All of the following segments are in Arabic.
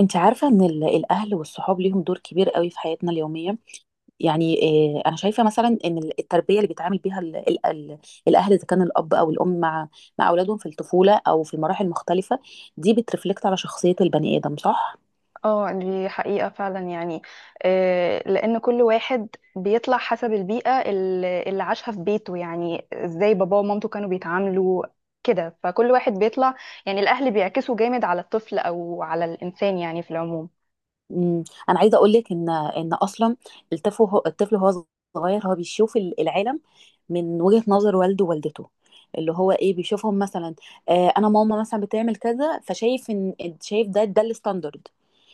انت عارفة ان الاهل والصحاب ليهم دور كبير قوي في حياتنا اليومية يعني. اه انا شايفة مثلا ان التربية اللي بيتعامل بيها ال ال ال الاهل اذا كان الاب او الام مع اولادهم في الطفولة او في المراحل المختلفة دي بترفلكت على شخصية البني ادم، صح؟ اه، دي حقيقة فعلا يعني. لأن كل واحد بيطلع حسب البيئة اللي عاشها في بيته، يعني ازاي باباه ومامته كانوا بيتعاملوا كده، فكل واحد بيطلع. يعني الأهل بيعكسوا جامد على الطفل أو على الإنسان يعني في العموم. انا عايزة اقول لك ان اصلا الطفل هو صغير، هو بيشوف العالم من وجهة نظر والده ووالدته، اللي هو ايه بيشوفهم مثلا. آه انا ماما مثلا بتعمل كذا فشايف ان شايف ده الستاندرد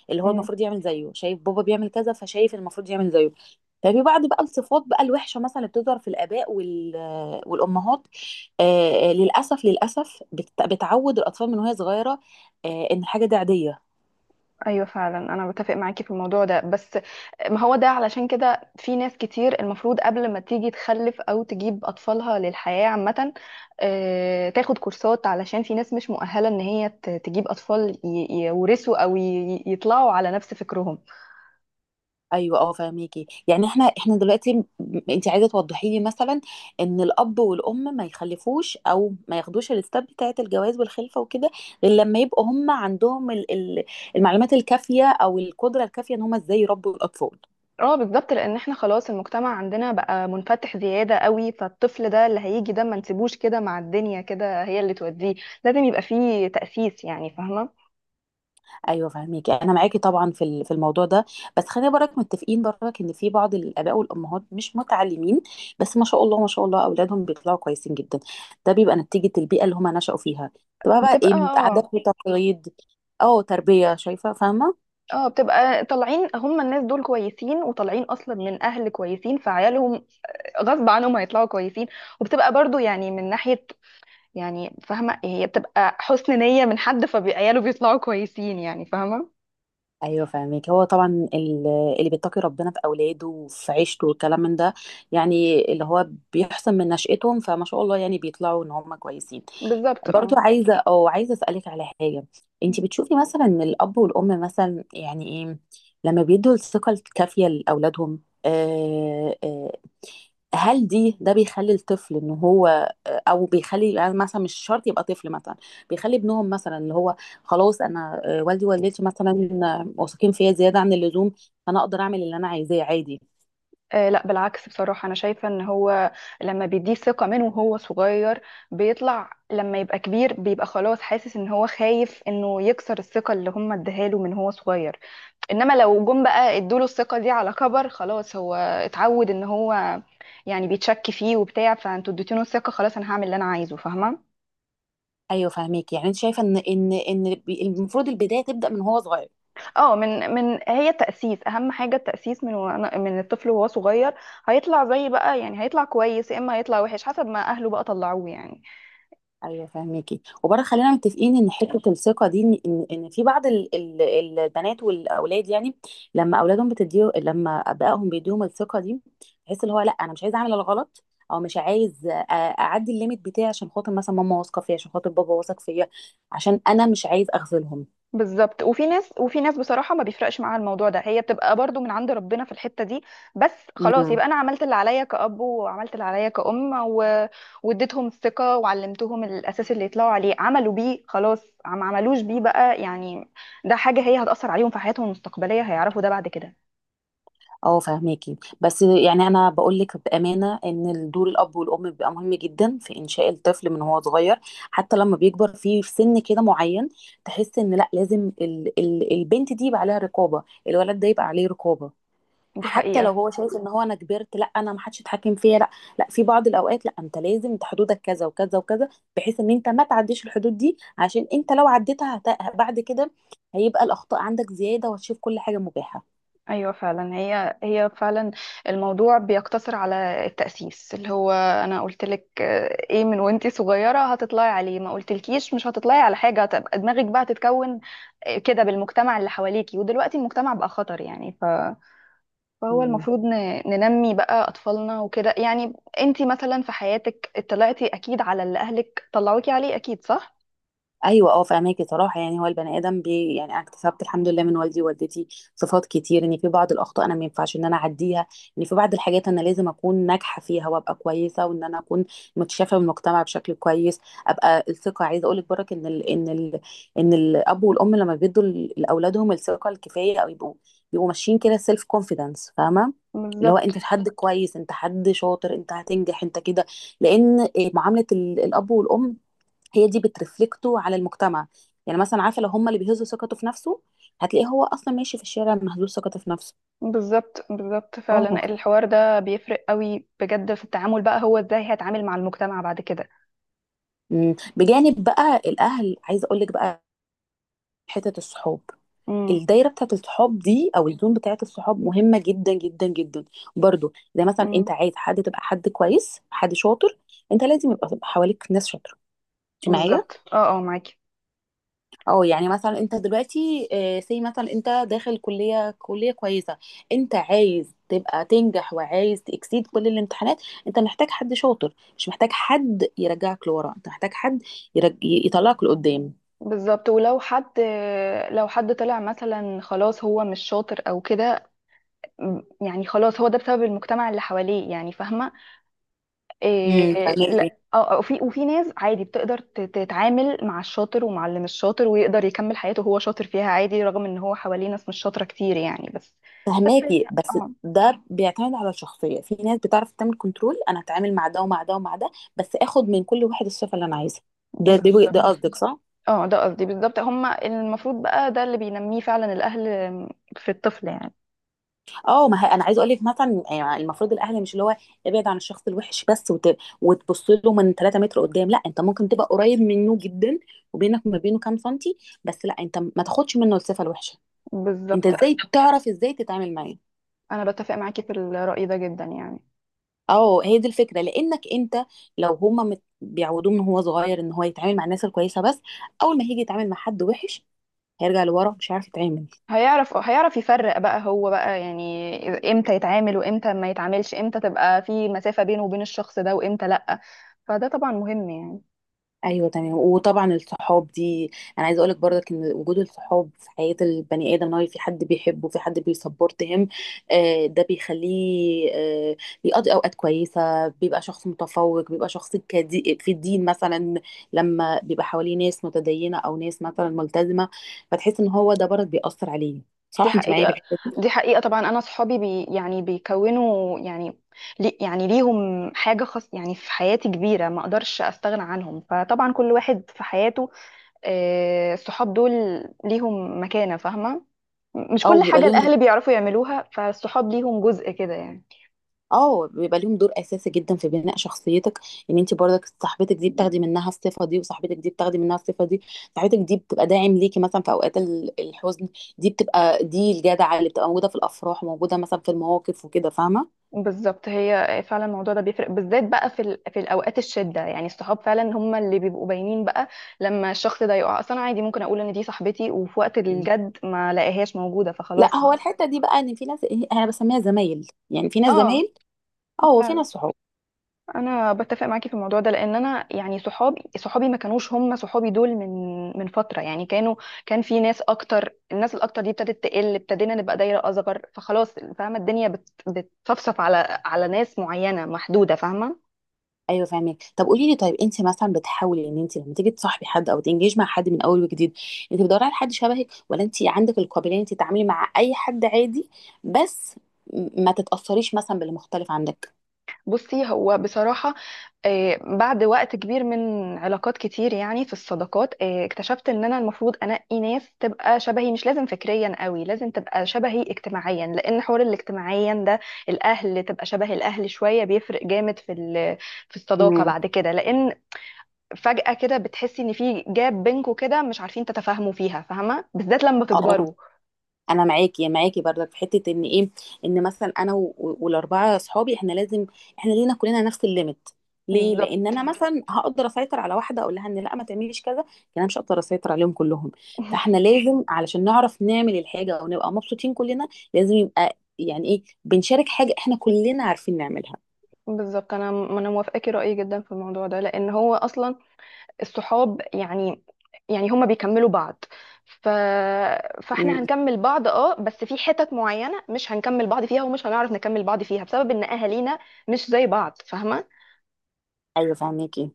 اللي هو المفروض يعمل زيه، شايف بابا بيعمل كذا فشايف المفروض يعمل زيه. ففي بعض بقى الصفات بقى الوحشه مثلا اللي بتظهر في الاباء والامهات. للاسف للاسف بتعود الاطفال من وهي صغيره ان الحاجه دي عاديه. ايوه فعلا، انا بتفق معاكي في الموضوع ده. بس ما هو ده علشان كده في ناس كتير المفروض قبل ما تيجي تخلف او تجيب اطفالها للحياه عامه، تاخد كورسات، علشان في ناس مش مؤهله ان هي تجيب اطفال يورثوا او يطلعوا على نفس فكرهم. ايوه اه فاهميكي يعني احنا دلوقتي انت عايزه توضحي لي مثلا ان الاب والام ما يخلفوش او ما ياخدوش الستاب بتاعه الجواز والخلفه وكده غير لما يبقوا هم عندهم المعلومات الكافيه او القدره الكافيه ان هم ازاي يربوا الاطفال. اه بالظبط، لان احنا خلاص المجتمع عندنا بقى منفتح زياده قوي، فالطفل ده اللي هيجي ده ما نسيبوش كده مع الدنيا، كده هي اللي توديه. لازم يبقى فيه تاسيس يعني، فاهمه. ايوه فاهميكي، انا معاكي طبعا في الموضوع ده، بس خلينا برك متفقين برك ان في بعض الاباء والامهات مش متعلمين بس ما شاء الله ما شاء الله اولادهم بيطلعوا كويسين جدا. ده بيبقى نتيجه البيئه اللي هم نشأوا فيها، تبقى بقى بتبقى، ايه عادات آه. وتقاليد، اه تربيه، شايفه فاهمه. اه بتبقى طالعين هم، الناس دول كويسين وطالعين اصلا من اهل كويسين، فعيالهم غصب عنهم هيطلعوا كويسين. وبتبقى برضو يعني من ناحية، يعني فاهمة، هي بتبقى حسن نية من حد، فعياله بيطلعوا كويسين يعني، فاهمة. ايوه فاهمك، هو طبعا اللي بيتقي ربنا في اولاده وفي عيشته والكلام من ده، يعني اللي هو بيحسن من نشأتهم، فما شاء الله يعني بيطلعوا ان هم كويسين. بالظبط، برضو اه. عايزه اسالك على حاجه، انت بتشوفي مثلا ان الاب والام مثلا، يعني ايه لما بيدوا الثقه الكافيه لاولادهم آه آه هل ده بيخلي الطفل ان هو، او بيخلي يعني مثلا مش شرط يبقى طفل مثلا، بيخلي ابنهم مثلا اللي هو خلاص انا والدي ووالدتي مثلا واثقين فيا زياده عن اللزوم فانا اقدر اعمل اللي انا عايزاه عادي؟ لا، بالعكس، بصراحة أنا شايفة إن هو لما بيديه ثقة منه وهو صغير، بيطلع لما يبقى كبير بيبقى خلاص حاسس إن هو خايف إنه يكسر الثقة اللي هم اديها له من هو صغير. انما لو جم بقى ادوله الثقة دي على كبر، خلاص هو اتعود ان هو يعني بيتشك فيه وبتاع، فانتوا اديتوله الثقة، خلاص انا هعمل اللي انا عايزه، فاهمة. ايوه فاهميكي، يعني انت شايفه ان المفروض البدايه تبدا من هو صغير. اه، من هي التأسيس اهم حاجة، التأسيس من من الطفل وهو صغير. هيطلع زي بقى يعني، هيطلع كويس يا اما هيطلع وحش حسب ما اهله بقى طلعوه يعني. ايوه فاهميكي، وبرضه خلينا متفقين ان حته الثقه دي ان في بعض البنات والاولاد يعني لما اولادهم بتديه لما ابائهم بيديهم الثقه دي تحس اللي هو لا انا مش عايزه اعمل الغلط، او مش عايز اعدي الليميت بتاعي عشان خاطر مثلا ماما واثقه فيا، عشان خاطر بابا واثق فيا، عشان انا مش عايز اغفلهم. بالظبط. وفي ناس بصراحة ما بيفرقش معاها الموضوع ده، هي بتبقى برضو من عند ربنا في الحتة دي. بس خلاص إمم. يبقى أنا عملت اللي عليا كأب وعملت اللي عليا كأم واديتهم الثقة وعلمتهم الأساس اللي يطلعوا عليه، عملوا بيه خلاص، ما عملوش بيه بقى يعني. ده حاجة هي هتأثر عليهم في حياتهم المستقبلية، هيعرفوا ده بعد كده. اه فاهماكي، بس يعني انا بقول لك بامانه ان دور الاب والام بيبقى مهم جدا في انشاء الطفل من هو صغير حتى لما بيكبر في سن كده معين تحس ان لا، لازم ال البنت دي يبقى عليها رقابه، الولد ده يبقى عليه رقابه. دي حتى لو حقيقة. هو شايف ان هو انا كبرت، لا، انا ما حدش يتحكم فيا، لا، لا، في بعض الاوقات لا، انت لازم انت حدودك كذا وكذا وكذا، بحيث ان انت ما تعديش الحدود دي، عشان انت لو عديتها بعد كده هيبقى الاخطاء عندك زياده وهتشوف كل حاجه مباحه. ايوه فعلا، هي فعلا الموضوع بيقتصر على التأسيس، اللي هو انا قلت لك آه، ايه من وانتي صغيرة هتطلعي عليه، ما قلتلكيش مش هتطلعي على حاجة، هتبقى دماغك بقى تتكون كده بالمجتمع اللي حواليكي. ودلوقتي المجتمع بقى خطر يعني، فهو مم. المفروض ننمي بقى اطفالنا وكده يعني. انتي مثلا في حياتك اطلعتي اكيد على اللي اهلك طلعوكي عليه، اكيد صح؟ ايوه اه فاهماكي، صراحه يعني هو البني ادم يعني انا اكتسبت الحمد لله من والدي ووالدتي صفات كتير، ان في بعض الاخطاء انا ما ينفعش ان انا اعديها، ان في بعض الحاجات انا لازم اكون ناجحه فيها وابقى كويسه، وان انا اكون متشافه من المجتمع بشكل كويس. ابقى الثقه، عايزه اقول لك برك ان الاب والام لما بيدوا لاولادهم الثقه الكفايه او يبقوا ماشيين كده سيلف كونفيدنس فاهمه. اللي هو انت بالظبط، حد كويس، انت حد شاطر، انت هتنجح، انت كده، لان معامله الاب والام هي دي بترفلكته على المجتمع، يعني مثلا عارفه لو هم اللي بيهزوا ثقته في نفسه هتلاقيه هو اصلا ماشي في الشارع مهزوز ثقته في نفسه. بالظبط، بالظبط. اه. فعلا الحوار ده بيفرق قوي بجد في التعامل بقى، هو ازاي هيتعامل مع المجتمع بعد كده. أمم. بجانب بقى الاهل عايزه اقول لك بقى حته الصحاب، امم. الدايره بتاعت الصحاب دي او الزون بتاعت الصحاب مهمه جدا جدا جدا. برضو زي مثلا امم. انت عايز حد تبقى حد كويس، حد شاطر، انت لازم يبقى حواليك ناس شاطره، انت معايا. بالظبط، اه، اه، معاكي. اه، يعني مثلا انت دلوقتي سي مثلا انت داخل كلية كويسة، انت عايز تبقى تنجح وعايز تكسيد كل الامتحانات، انت محتاج حد شاطر مش محتاج حد يرجعك لورا، انت محتاج حد يطلعك لقدام. بالظبط. ولو حد، لو حد طلع مثلا خلاص هو مش شاطر او كده. يعني خلاص هو ده بسبب المجتمع اللي حواليه يعني، فاهمه. إيه، فهماكي، لا، اه. وفي ناس عادي بتقدر تتعامل مع الشاطر ومع اللي مش شاطر، ويقدر يكمل حياته وهو شاطر فيها عادي رغم ان هو حواليه ناس مش شاطره كتير يعني، بس. بس بس اه. ده بيعتمد على الشخصية، في ناس بتعرف تعمل كنترول، انا هتعامل مع ده ومع ده ومع ده بس اخد من كل واحد الصفة اللي انا عايزها. ده بالظبط، قصدك، صح؟ اه، ده قصدي بالظبط. هما المفروض بقى ده اللي بينميه فعلا الأهل في الطفل يعني. اه، ما هي انا عايزه اقول لك مثلا يعني المفروض الاهل، مش اللي هو ابعد عن الشخص الوحش بس وتبص له من 3 متر قدام، لا، انت ممكن تبقى قريب منه جدا وبينك وما بينه كام سنتي، بس لا انت ما تاخدش منه الصفه الوحشه، انت بالظبط، ازاي تعرف ازاي تتعامل معاه. أنا بتفق معاكي في الرأي ده جدا يعني. اه هي دي الفكره، لانك انت لو هما بيعودوه من هو صغير ان هو يتعامل مع الناس الكويسه بس، اول ما هيجي يتعامل مع حد وحش هيرجع لورا مش عارف يتعامل. هيعرف يفرق بقى هو بقى، يعني امتى يتعامل وامتى ما يتعاملش، امتى تبقى في مسافة بينه وبين الشخص ده وامتى لأ. فده طبعا مهم يعني. ايوه تمام، وطبعا الصحاب دي انا عايزه اقولك برضك ان وجود الصحاب في حياه البني ادم، ان هو في حد بيحبه، في حد بيسبورت هم، ده بيخليه بيقضي اوقات كويسه، بيبقى شخص متفوق، بيبقى شخص كدي في الدين مثلا لما بيبقى حواليه ناس متدينه او ناس مثلا ملتزمه، فتحس ان هو ده برضك بيأثر عليه، دي صح؟ انت معايا في حقيقة. الحته دي. دي حقيقة طبعا. أنا صحابي يعني بيكونوا يعني يعني ليهم حاجة خاص يعني في حياتي كبيرة، ما أقدرش أستغنى عنهم. فطبعا كل واحد في حياته، الصحاب دول ليهم مكانة، فاهمة. مش او كل بيبقى حاجة ليهم الأهل بيعرفوا يعملوها، فالصحاب ليهم جزء كده يعني. اه بيبقى ليهم دور اساسي جدا في بناء شخصيتك، ان انت برضك صاحبتك دي بتاخدي منها الصفه دي، وصاحبتك دي بتاخدي منها الصفه دي، صاحبتك دي بتبقى داعم ليكي مثلا في اوقات الحزن، دي بتبقى دي الجدعه اللي بتبقى موجوده في الافراح وموجوده مثلا في المواقف وكده فاهمه. بالظبط، هي فعلا الموضوع ده بيفرق بالذات بقى في الأوقات الشدة يعني، الصحاب فعلا هم اللي بيبقوا باينين بقى لما الشخص ده يقع. أصلا عادي ممكن أقول إن دي صاحبتي، وفي وقت مم. الجد ما لاقيهاش موجودة، لا فخلاص هو ما. الحته دي بقى ان في ناس انا بسميها زمايل، يعني في ناس اه، زمايل اه وفي ناس فعلا صحاب. انا بتفق معاكي في الموضوع ده، لان انا يعني صحابي، ما كانوش هم صحابي دول من فتره يعني، كانوا، كان في ناس اكتر. الناس الاكتر دي ابتدت تقل، ابتدينا نبقى دايره اصغر، فخلاص، فاهمه. الدنيا بتصفصف على ناس معينه محدوده، فاهمه. ايوه فاهمك، طب قولي لي، طيب انت مثلا بتحاولي ان انت لما تيجي تصاحبي حد او تنجيج مع حد من اول وجديد، انت بتدوري على حد شبهك ولا انت عندك القابليه ان انت تتعاملي مع اي حد عادي بس ما تتاثريش مثلا باللي مختلف عندك؟ بصي هو بصراحة، بعد وقت كبير من علاقات كتير يعني في الصداقات، اكتشفت ان انا المفروض انقي ناس تبقى شبهي، مش لازم فكريا قوي، لازم تبقى شبهي اجتماعيا، لان حوار الاجتماعيا ده، الاهل تبقى شبه الاهل شوية، بيفرق جامد في الصداقة مم. بعد كده. لان فجأة كده بتحسي ان في جاب بينكوا كده، مش عارفين تتفاهموا فيها، فاهمة، بالذات لما اه تكبروا. انا معاكي، برضك في حته ان ايه، ان مثلا انا والاربعه اصحابي احنا لينا كلنا نفس الليميت، ليه، لان بالظبط، انا مثلا هقدر اسيطر على واحده اقول لها ان لا ما تعمليش كذا، لكن انا مش هقدر اسيطر عليهم كلهم، فاحنا لازم علشان نعرف نعمل الحاجه ونبقى مبسوطين كلنا، لازم يبقى يعني ايه بنشارك حاجه احنا كلنا عارفين نعملها. بالظبط. انا موافقاكي رأيي جدا في الموضوع ده، لان هو اصلا الصحاب يعني، هما بيكملوا بعض. ف... فاحنا أمم، هنكمل بعض، اه، بس في حتت معينة مش هنكمل بعض فيها، ومش هنعرف نكمل بعض فيها بسبب ان اهالينا مش زي بعض، فاهمة. ايوه فاهمكي.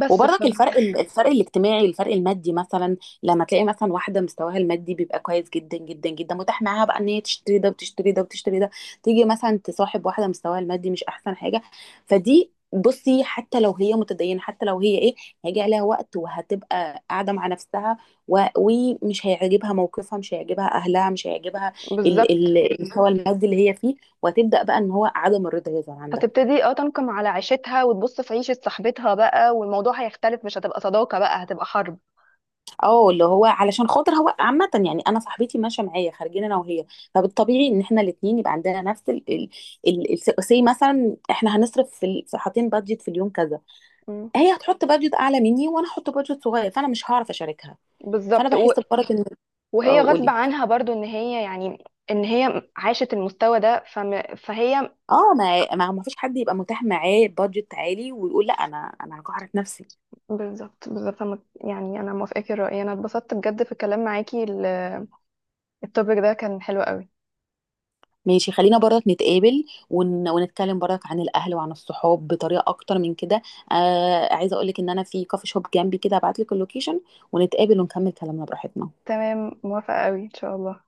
بس وبرضك الفرق الاجتماعي، الفرق المادي مثلا، لما تلاقي مثلا واحده مستواها المادي بيبقى كويس جدا جدا جدا، متاح معاها بقى ان هي تشتري ده وتشتري ده وتشتري ده، تيجي مثلا تصاحب واحده مستواها المادي مش احسن حاجه، فدي بصي حتى لو هي متدينه، حتى لو هي ايه، هيجي عليها وقت وهتبقى قاعده مع نفسها ومش هيعجبها موقفها، مش هيعجبها اهلها، مش هيعجبها بالظبط. المستوى المادي اللي هي فيه، وهتبدا بقى ان هو عدم الرضا يظهر عندها. هتبتدي اه تنقم على عيشتها وتبص في عيشة صاحبتها بقى، والموضوع هيختلف، مش هتبقى صداقة بقى، هتبقى حرب. اه اللي هو علشان خاطر هو عامة يعني انا صاحبتي ماشية معايا خارجين انا وهي، فبالطبيعي ان احنا الاتنين يبقى عندنا نفس سي مثلا احنا هنصرف في حاطين بادجت في اليوم كذا، مم. هي هتحط بادجت اعلى مني وانا هحط بادجت صغير، فانا مش هعرف اشاركها، فانا بالظبط. بحس بفرق ان اه وهي غصب قولي. عنها برضو ان هي عاشت المستوى ده، فهي. اه، ما فيش حد يبقى متاح معاه بادجت عالي ويقول لا انا هجهرك نفسي. بالظبط، بالظبط. يعني انا موافقاكي الرأي، انا اتبسطت بجد في الكلام معاكي. التوبيك ده كان حلو قوي. ماشي، خلينا برضك نتقابل ونتكلم برضك عن الاهل وعن الصحاب بطريقه اكتر من كده. عايزه اقولك ان انا في كافي شوب جنبي كده، ابعتلك اللوكيشن ونتقابل ونكمل كلامنا براحتنا. تمام، موافقة قوي ان شاء الله.